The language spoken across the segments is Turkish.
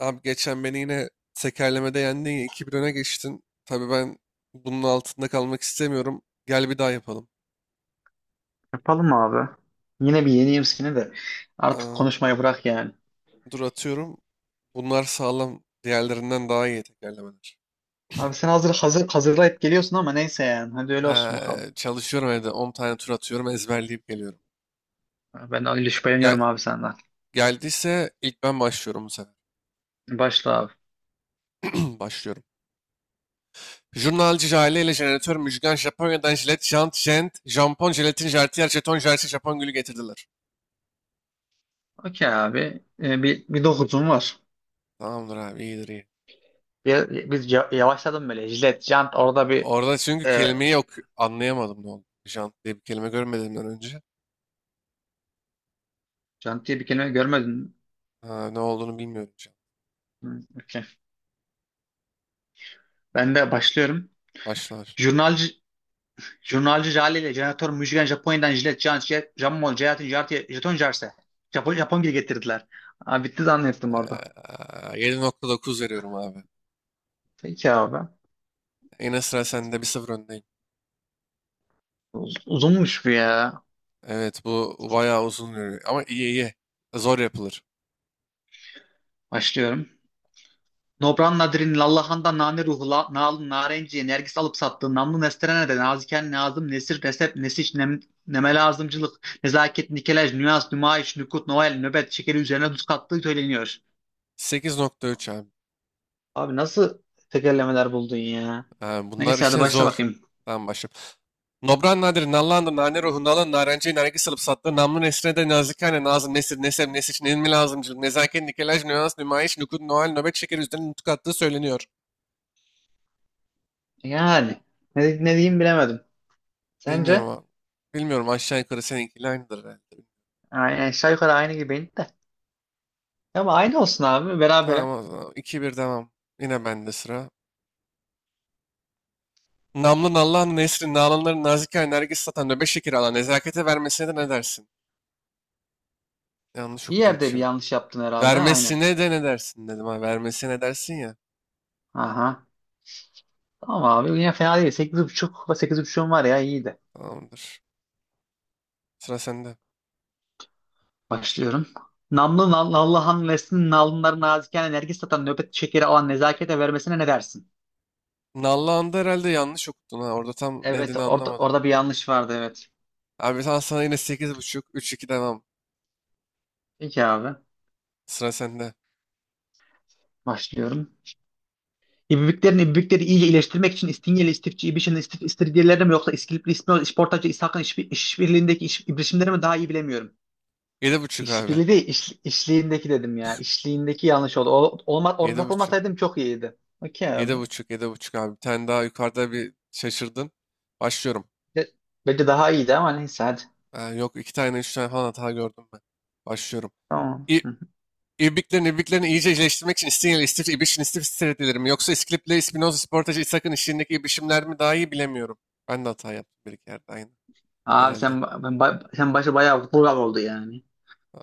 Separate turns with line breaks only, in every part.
Abi geçen beni yine tekerlemede yendin ya 2-1 öne geçtin. Tabii ben bunun altında kalmak istemiyorum. Gel bir daha yapalım.
Yapalım abi. Yine bir yeneyim seni de. Artık
Aa,
konuşmayı bırak yani.
dur atıyorum. Bunlar sağlam. Diğerlerinden daha iyi tekerlemeler.
Abi sen hazır hazırlayıp geliyorsun ama neyse yani. Hadi öyle olsun
Ha,
bakalım.
çalışıyorum evde. 10 tane tur atıyorum. Ezberleyip geliyorum.
Ben öyle şüpheleniyorum
Gel,
abi senden.
geldiyse ilk ben başlıyorum bu sefer.
Başla abi.
Başlıyorum. Jurnalci Jale ile jeneratör Müjgan Japonya'dan jilet, jant, jent, jampon, jelatin, jartiyer, jeton, jersi, Japon gülü getirdiler.
Okey abi. Bir dokuzum var.
Tamamdır abi, iyidir iyi.
Yavaşladım böyle. Jilet, jant orada bir
Orada çünkü
e,
kelimeyi yok, anlayamadım ne oldu. Jant diye bir kelime görmediğimden önce.
jant diye bir kelime görmedin mi?
Ha, ne olduğunu bilmiyorum jant.
Hı, okey. Ben de başlıyorum.
Başlar.
Jurnalci Jurnalci Jale ile jeneratör Müjgan Japonya'dan jilet, jant, jet, jammol, jayatin, jartiye, jeton, jarse. Japon gibi getirdiler. Abi bitti zannettim orada.
7,9 veriyorum abi.
Peki abi.
Yine sıra sende, 1-0 öndeyim.
Uzunmuş bu ya.
Evet, bu bayağı uzun yürüyor. Ama iyi iyi. Zor yapılır.
Başlıyorum. Nobran Nadir'in Lallahan'da nane ruhla la, nalın narenciye nergis alıp sattığı namlu nesterene naziken nazım nesir nesep nesiş nem, neme lazımcılık nezaket nikelaj nüans nümayiş nükut noel nöbet şekeri üzerine tuz kattığı söyleniyor.
8,3 abi.
Abi nasıl tekerlemeler buldun ya?
Ha, bunlar
Neyse hadi
işte
başla
zor.
bakayım.
Tamam, başlayalım. Nobran nadir, nallandı, nane ruhu, nalan, narenciye, nergis alıp sattı, namlu nesrine de nazikane, nazım, nesir, nesem, nesiç, ilmi lazımcılık, nezaket, nikelaj, nüans, nümayiş, nukud, noel, nöbet şekeri üzerine nutuk attığı söyleniyor.
Yani ne diyeyim bilemedim.
Bilmiyorum
Sence?
abi. Bilmiyorum, aşağı yukarı seninkiyle aynıdır herhalde.
Aynen aşağı yukarı aynı gibiydi de. Ama aynı olsun abi
Tamam
berabere.
o zaman. 2-1 devam. Yine bende sıra. Namlın Allah'ın Nesrin, Nalanların Nazike Nergis satan nöbet şekeri alan nezakete vermesine de ne dersin? Yanlış
Bir
okudum
yerde bir
şimdi.
yanlış yaptın herhalde aynen.
Vermesine de ne dersin dedim ha. Vermesine ne dersin ya.
Aha. Tamam abi yine fena değil. 8.5 ve 8.5'um var ya iyiydi.
Tamamdır. Sıra sende.
Başlıyorum. Allah'ın versin nalınların naziken enerji satan nöbet şekeri alan nezakete vermesine ne dersin?
Nallıhan'da herhalde yanlış okudun ha. Orada tam ne
Evet
dediğini anlamadım.
orada bir yanlış vardı evet.
Abi sana yine 8,5, 3-2 devam.
Peki abi
Sıra sende.
başlıyorum. İbibiklerin ibibikleri iyice iyileştirmek için İstingeli, İstifçi, İbiş'in istif, İstiridyeleri mi yoksa İskilipli, İsmail, İşportacı, İshak'ın iş, işbirliğindeki iş, ibrişimleri mi daha iyi bilemiyorum.
7,5 abi.
İşbirliği değil, iş, işliğindeki dedim ya. İşliğindeki yanlış oldu. Orada
7,5.
takılmasaydım çok iyiydi. Okey
Yedi
abi.
buçuk, yedi buçuk abi. Bir tane daha yukarıda bir şaşırdın. Başlıyorum.
Be- Belki daha iyiydi ama neyse hadi.
Yok, iki tane, üç tane falan hata gördüm ben. Başlıyorum.
Tamam.
İ
Hı hı.
İbriklerin ibriklerini iyice iyileştirmek için İstinye istif İbriş'in istif stratejileri mi? Yoksa İskilip'le İspinoza Sportaj İshak'ın işlerindeki ibrişimler mi daha iyi bilemiyorum. Ben de hata yaptım bir iki yerde aynı.
Abi
Herhalde.
sen ba- ben ba- sen başı bayağı vural oldu yani.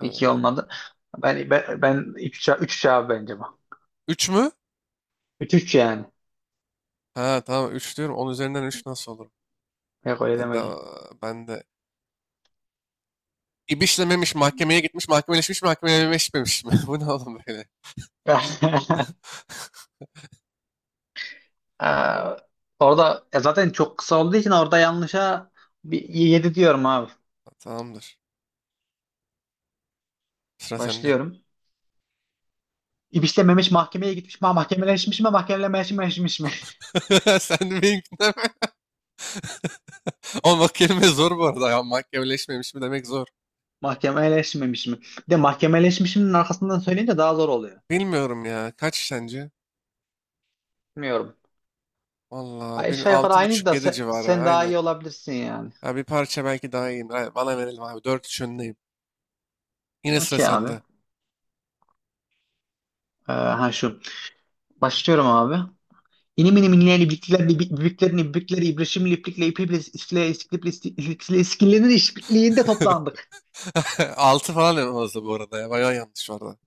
Pek iyi olmadı. Ben üç 3 abi bence bu.
üç mü?
Üç üç yani.
Ha, tamam, üç diyorum. On üzerinden üç nasıl olur?
Yok öyle
Ben de,
demedim.
ben de. İbişlememiş, mahkemeye gitmiş, mahkemeleşmiş, mahkemeleşmemiş mi? Bu ne oğlum böyle?
Aa, orada zaten çok kısa olduğu için orada yanlışa bir 7 diyorum abi.
Tamamdır. Sıra sende.
Başlıyorum. İpişlememiş mahkemeye gitmiş mi? Ha, mahkemeleşmiş mi? Mahkemeleşmemiş mi?
Sen de benimkinden mi? Ama bak, kelime zor bu arada. Ya, mahkemeleşmemiş mi demek zor.
Mahkemeleşmemiş mi? Bir de mahkemeleşmişimin arkasından söyleyince daha zor oluyor.
Bilmiyorum ya. Kaç sence?
Bilmiyorum.
Valla bil,
Aşağı yukarı aynıydı da
6,5-7 civarı
sen daha
aynen.
iyi olabilirsin yani.
Ya bir parça belki daha iyiyim. Ay, bana verelim abi. 4-3 önündeyim. Yine sıra
Okey abi.
sende.
Ha şu. Başlıyorum abi. İnim inim inleyeni bükler büklerini bükleri ibrişim liplikle ipikle iskile iskiliple iskile iskillerin işbirliğinde toplandık.
6 falan en fazla bu arada ya. Bayağı yanlış vardı.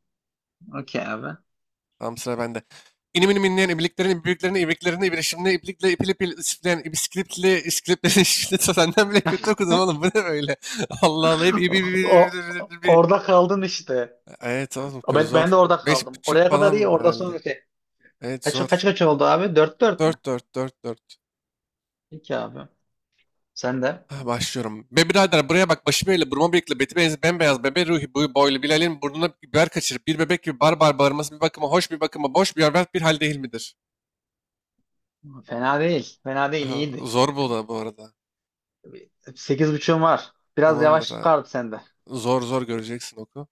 Okey abi.
Tam sıra bende. İnim inim inleyen ibliklerini, ibliklerini, ibliklerini, ibrişimli, iblikle ipil ipil, isipleyen, ibiskilipli, iskilipli, işte senden bile kötü okudum oğlum. Bu ne böyle? Allah Allah, hep ibi, ibi, ibi, ibi, ibi, ibi.
Orada kaldın işte.
Evet oğlum ki
Ben
zor.
de orada
Beş
kaldım.
buçuk
Oraya kadar iyi
falan
orada
herhalde.
sonra şey.
Evet,
Kaç kaç
zor.
kaç oldu abi? Dört mü?
4-4 4-4.
Peki abi. Sen de.
Ha, başlıyorum. Be birader, buraya bak, başı böyle burma bıyıklı, beti benzi bembeyaz, bebe ruhi boyu boylu Bilal'in burnuna biber kaçırıp bir bebek gibi barbar bağırması bir bakıma hoş, bir bakıma boş, bir berbat bir hal değil midir?
Fena değil. Fena değil
Aha,
iyiydi.
zor bu da bu arada.
8.5'un var. Biraz
Tamamdır
yavaşlık
abi.
kaldı sende.
Zor zor göreceksin oku.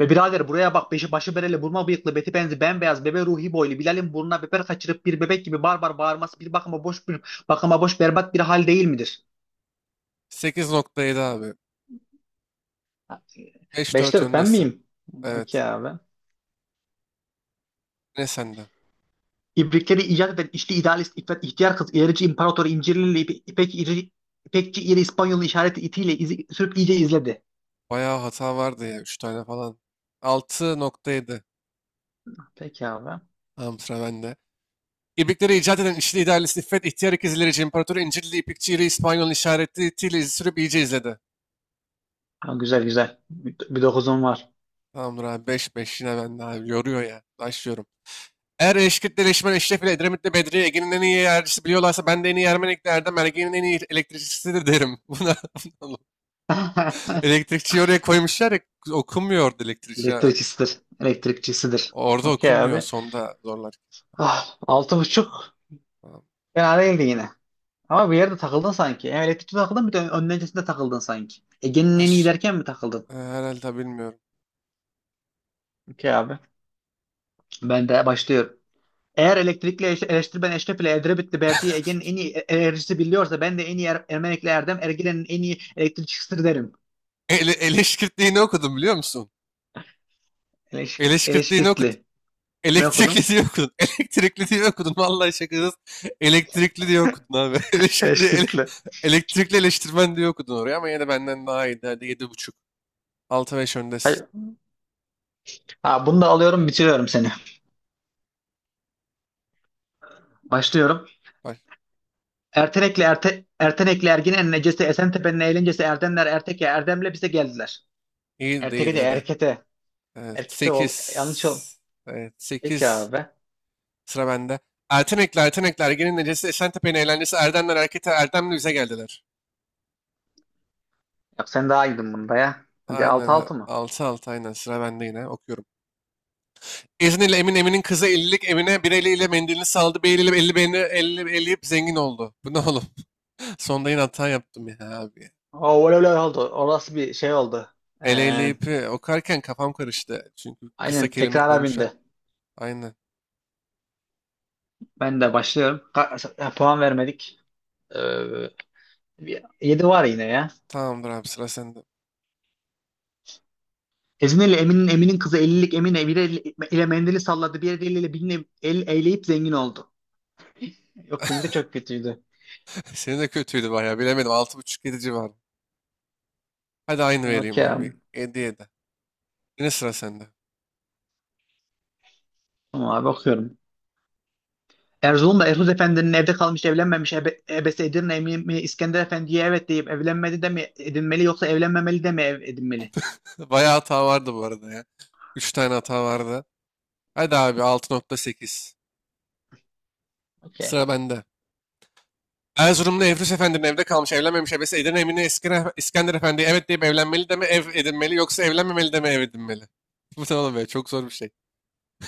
Ve birader buraya bak beşi başı bereli burma bıyıklı beti benzi bembeyaz bebe ruhi boylu Bilal'in burnuna biber kaçırıp bir bebek gibi barbar bağırması bir bakıma boş bir bakıma boş berbat bir hal değil midir?
8,7 abi. beş
Beşte
dört
evet, ben
öndesin.
miyim?
Evet.
Okey abi.
Ne sende?
İbrikleri icat eden içli idealist İffet ihtiyar kız ilerici imparatoru İncirlili İpek İri, İpekçi İri İspanyol'un işareti itiyle izi, sürüp iyice izledi.
Bayağı hata vardı ya. 3 tane falan. 6,7.
Peki abi.
Tamam, sıra bende. İpekleri icat eden İşli idaresi İffet, ihtiyar ikizlerici, İmparatoru İncirli, İpekçi İri, İspanyol işaretiyle izi sürüp iyice izledi.
Ha, güzel güzel. Bir dokuzum var.
Tamamdır abi, 5 5. Yine ben abi, yoruyor ya. Başlıyorum. Eğer Eşkirt'le Leşmen, Eşref ile Edremit'le Bedriye, Ege'nin en iyi yercisi biliyorlarsa ben de en iyi Ermenik'le Erdem, Ergen'in en iyi elektrikçisidir derim. Buna elektrikçiyi oraya koymuşlar ya, okunmuyor orada elektrikçi, ha.
Elektrikçisidir. Elektrikçisidir.
Orada
Okey
okunmuyor,
abi.
sonda zorlar.
Ah, altı buçuk.
Tamam.
Fena değildi yine. Ama bir yerde takıldın sanki. Hem elektrikte takıldın bir de öncesinde takıldın sanki. Ege'nin en iyi derken mi takıldın?
Herhalde, bilmiyorum.
Okey abi. Ben de başlıyorum. Eğer elektrikle eleştiri ben Eşref ile Edrebitli Berdi'yi Ege'nin en iyi enerjisi biliyorsa ben de en iyi er Ermenikli Erdem Ergilen'in en iyi elektrikçisidir derim.
Eleşkirtliğini okudum biliyor musun? Eleşkirtliğini okudum.
Eleşkirtli. Ne
Elektrikli
okudum?
diye okudun. Elektrikli diye okudun. Vallahi şakasız. Elektrikli diye okudun abi. Elektrikli
Eleşkirtli.
elektrikli eleştirmen diye okudun oraya, ama yine de benden daha iyiydi. Hadi 7,5. 6-5 öndesin.
Hayır. Ha, bunu da alıyorum bitiriyorum seni. Başlıyorum.
Bak,
Ertenekli Ergin'in necesi Esentepe'nin eğlencesi Erdemler Erteke Erdem'le bize geldiler.
iyi değil
Erteke de
hadi.
Erkete.
Evet,
Erkite ol.
sekiz.
Yanlış ol.
Evet,
Peki
sekiz.
abi.
Sıra bende. Ertenekli, Ertenekli, Ergen'in necesi, Eşentepe'nin eğlencesi, Erdemler harekete Erdemli bize geldiler.
Yap sen daha iyiydin bunda ya. Hadi altı
Aynen,
altı mı?
6-6 aynen. Sıra bende yine. Okuyorum. İzniyle Emin Emin'in kızı ellilik Emine bir eliyle mendilini saldı. Bir eliyle elli beni elli, eleyip zengin oldu. Bu ne oğlum? Sonda yine hata yaptım ya abi.
Oo, öyle öyle oldu. Orası bir şey oldu.
El
Ee,
eleyip okarken kafam karıştı. Çünkü kısa
aynen
kelime
tekrara
koymuşlar.
bindi.
Aynen.
Ben de başlıyorum. Puan vermedik. Ee, 7 var yine ya.
Tamamdır abi, sıra sende.
Ezine ile Emin'in kızı 50'lik Emine bir el ile mendili salladı. Bir eliyle birini el eyleyip zengin oldu. Yok benimki de çok kötüydü.
Senin de kötüydü bayağı, bilemedim. 6,5 yedi civarı. Hadi aynı vereyim
Okey abi.
abi. 7'ye de. Yine sıra sende.
Tamam abi okuyorum. Erzurum'da Ertuğrul Efendi'nin evde kalmış evlenmemiş ebesi Edirne mi, İskender Efendi'ye evet deyip evlenmedi de mi edinmeli yoksa evlenmemeli de mi ev edinmeli?
Bayağı hata vardı bu arada ya. 3 tane hata vardı. Hadi abi, 6,8.
Okey.
Sıra bende. Erzurumlu Evrus Efendi'nin evde kalmış evlenmemiş ebesi Edirne Emine İskender Efendi'ye evet deyip evlenmeli de mi ev edinmeli, yoksa evlenmemeli de mi ev edinmeli? Bu ne oğlum, çok zor bir şey.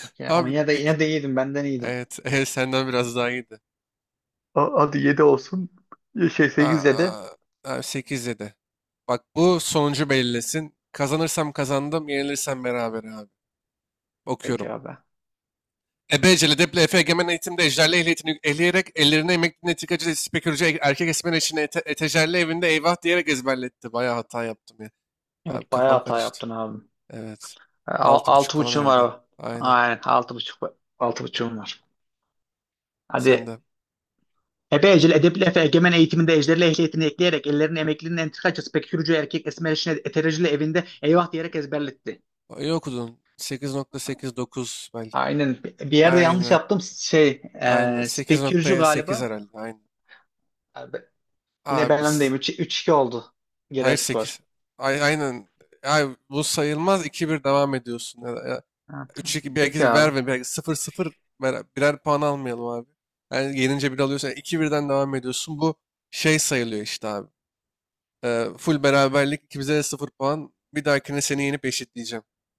Okey. Ama
Abi
yine de yine
ik-
de iyiydin benden iyiydin.
evet, ev senden biraz daha iyiydi.
Hadi 7 olsun. Şey sekiz yedi.
Aa, abi 8 7. Bak, bu sonucu belirlesin. Kazanırsam kazandım, yenilirsem beraber abi.
Peki
Okuyorum.
abi.
Ebeceli Deple Efe Egemen Eğitim'de ejderli ehliyetini ehleyerek ellerine emekli netikacı spekülcü erkek esmer için ete, etejerli evinde eyvah diyerek ezberletti. Bayağı hata yaptım ya. Abi
Evet bayağı
kafam
hata
karıştı.
yaptın abi.
Evet. 6,5
Altı
falan
buçuğum var
herhalde.
abi.
Aynen.
Aynen altı buçuk. Altı buçuğum var.
Sen
Hadi.
de.
Ebe Ecel Edepli Efe Egemen eğitiminde ejderli ehliyetini ekleyerek ellerini emeklinin entrikacısı pek yürücü erkek esmer işine etericili evinde eyvah diyerek ezberletti.
İyi okudun. 8,89 belki.
Aynen. Bir yerde yanlış
Aynen.
yaptım.
Aynen. sekiz
Spekürcü
nokta sekiz
galiba.
herhalde. Aynen.
Abi, yine
Abi
ben
s-
öndeyim. Üç 2 oldu
hayır,
genel skor.
sekiz. Ay, aynen. Ay, bu sayılmaz. İki bir devam ediyorsun. Ya, ya,
Ha, tamam.
3-2
Peki
belki
abi.
verme. Belki 0-0 birer puan almayalım abi. Yani yenince bir alıyorsun. Yani 2-1'den devam ediyorsun. Bu şey sayılıyor işte abi. Full beraberlik. İkimize de sıfır puan. Bir dahakine seni yenip eşitleyeceğim.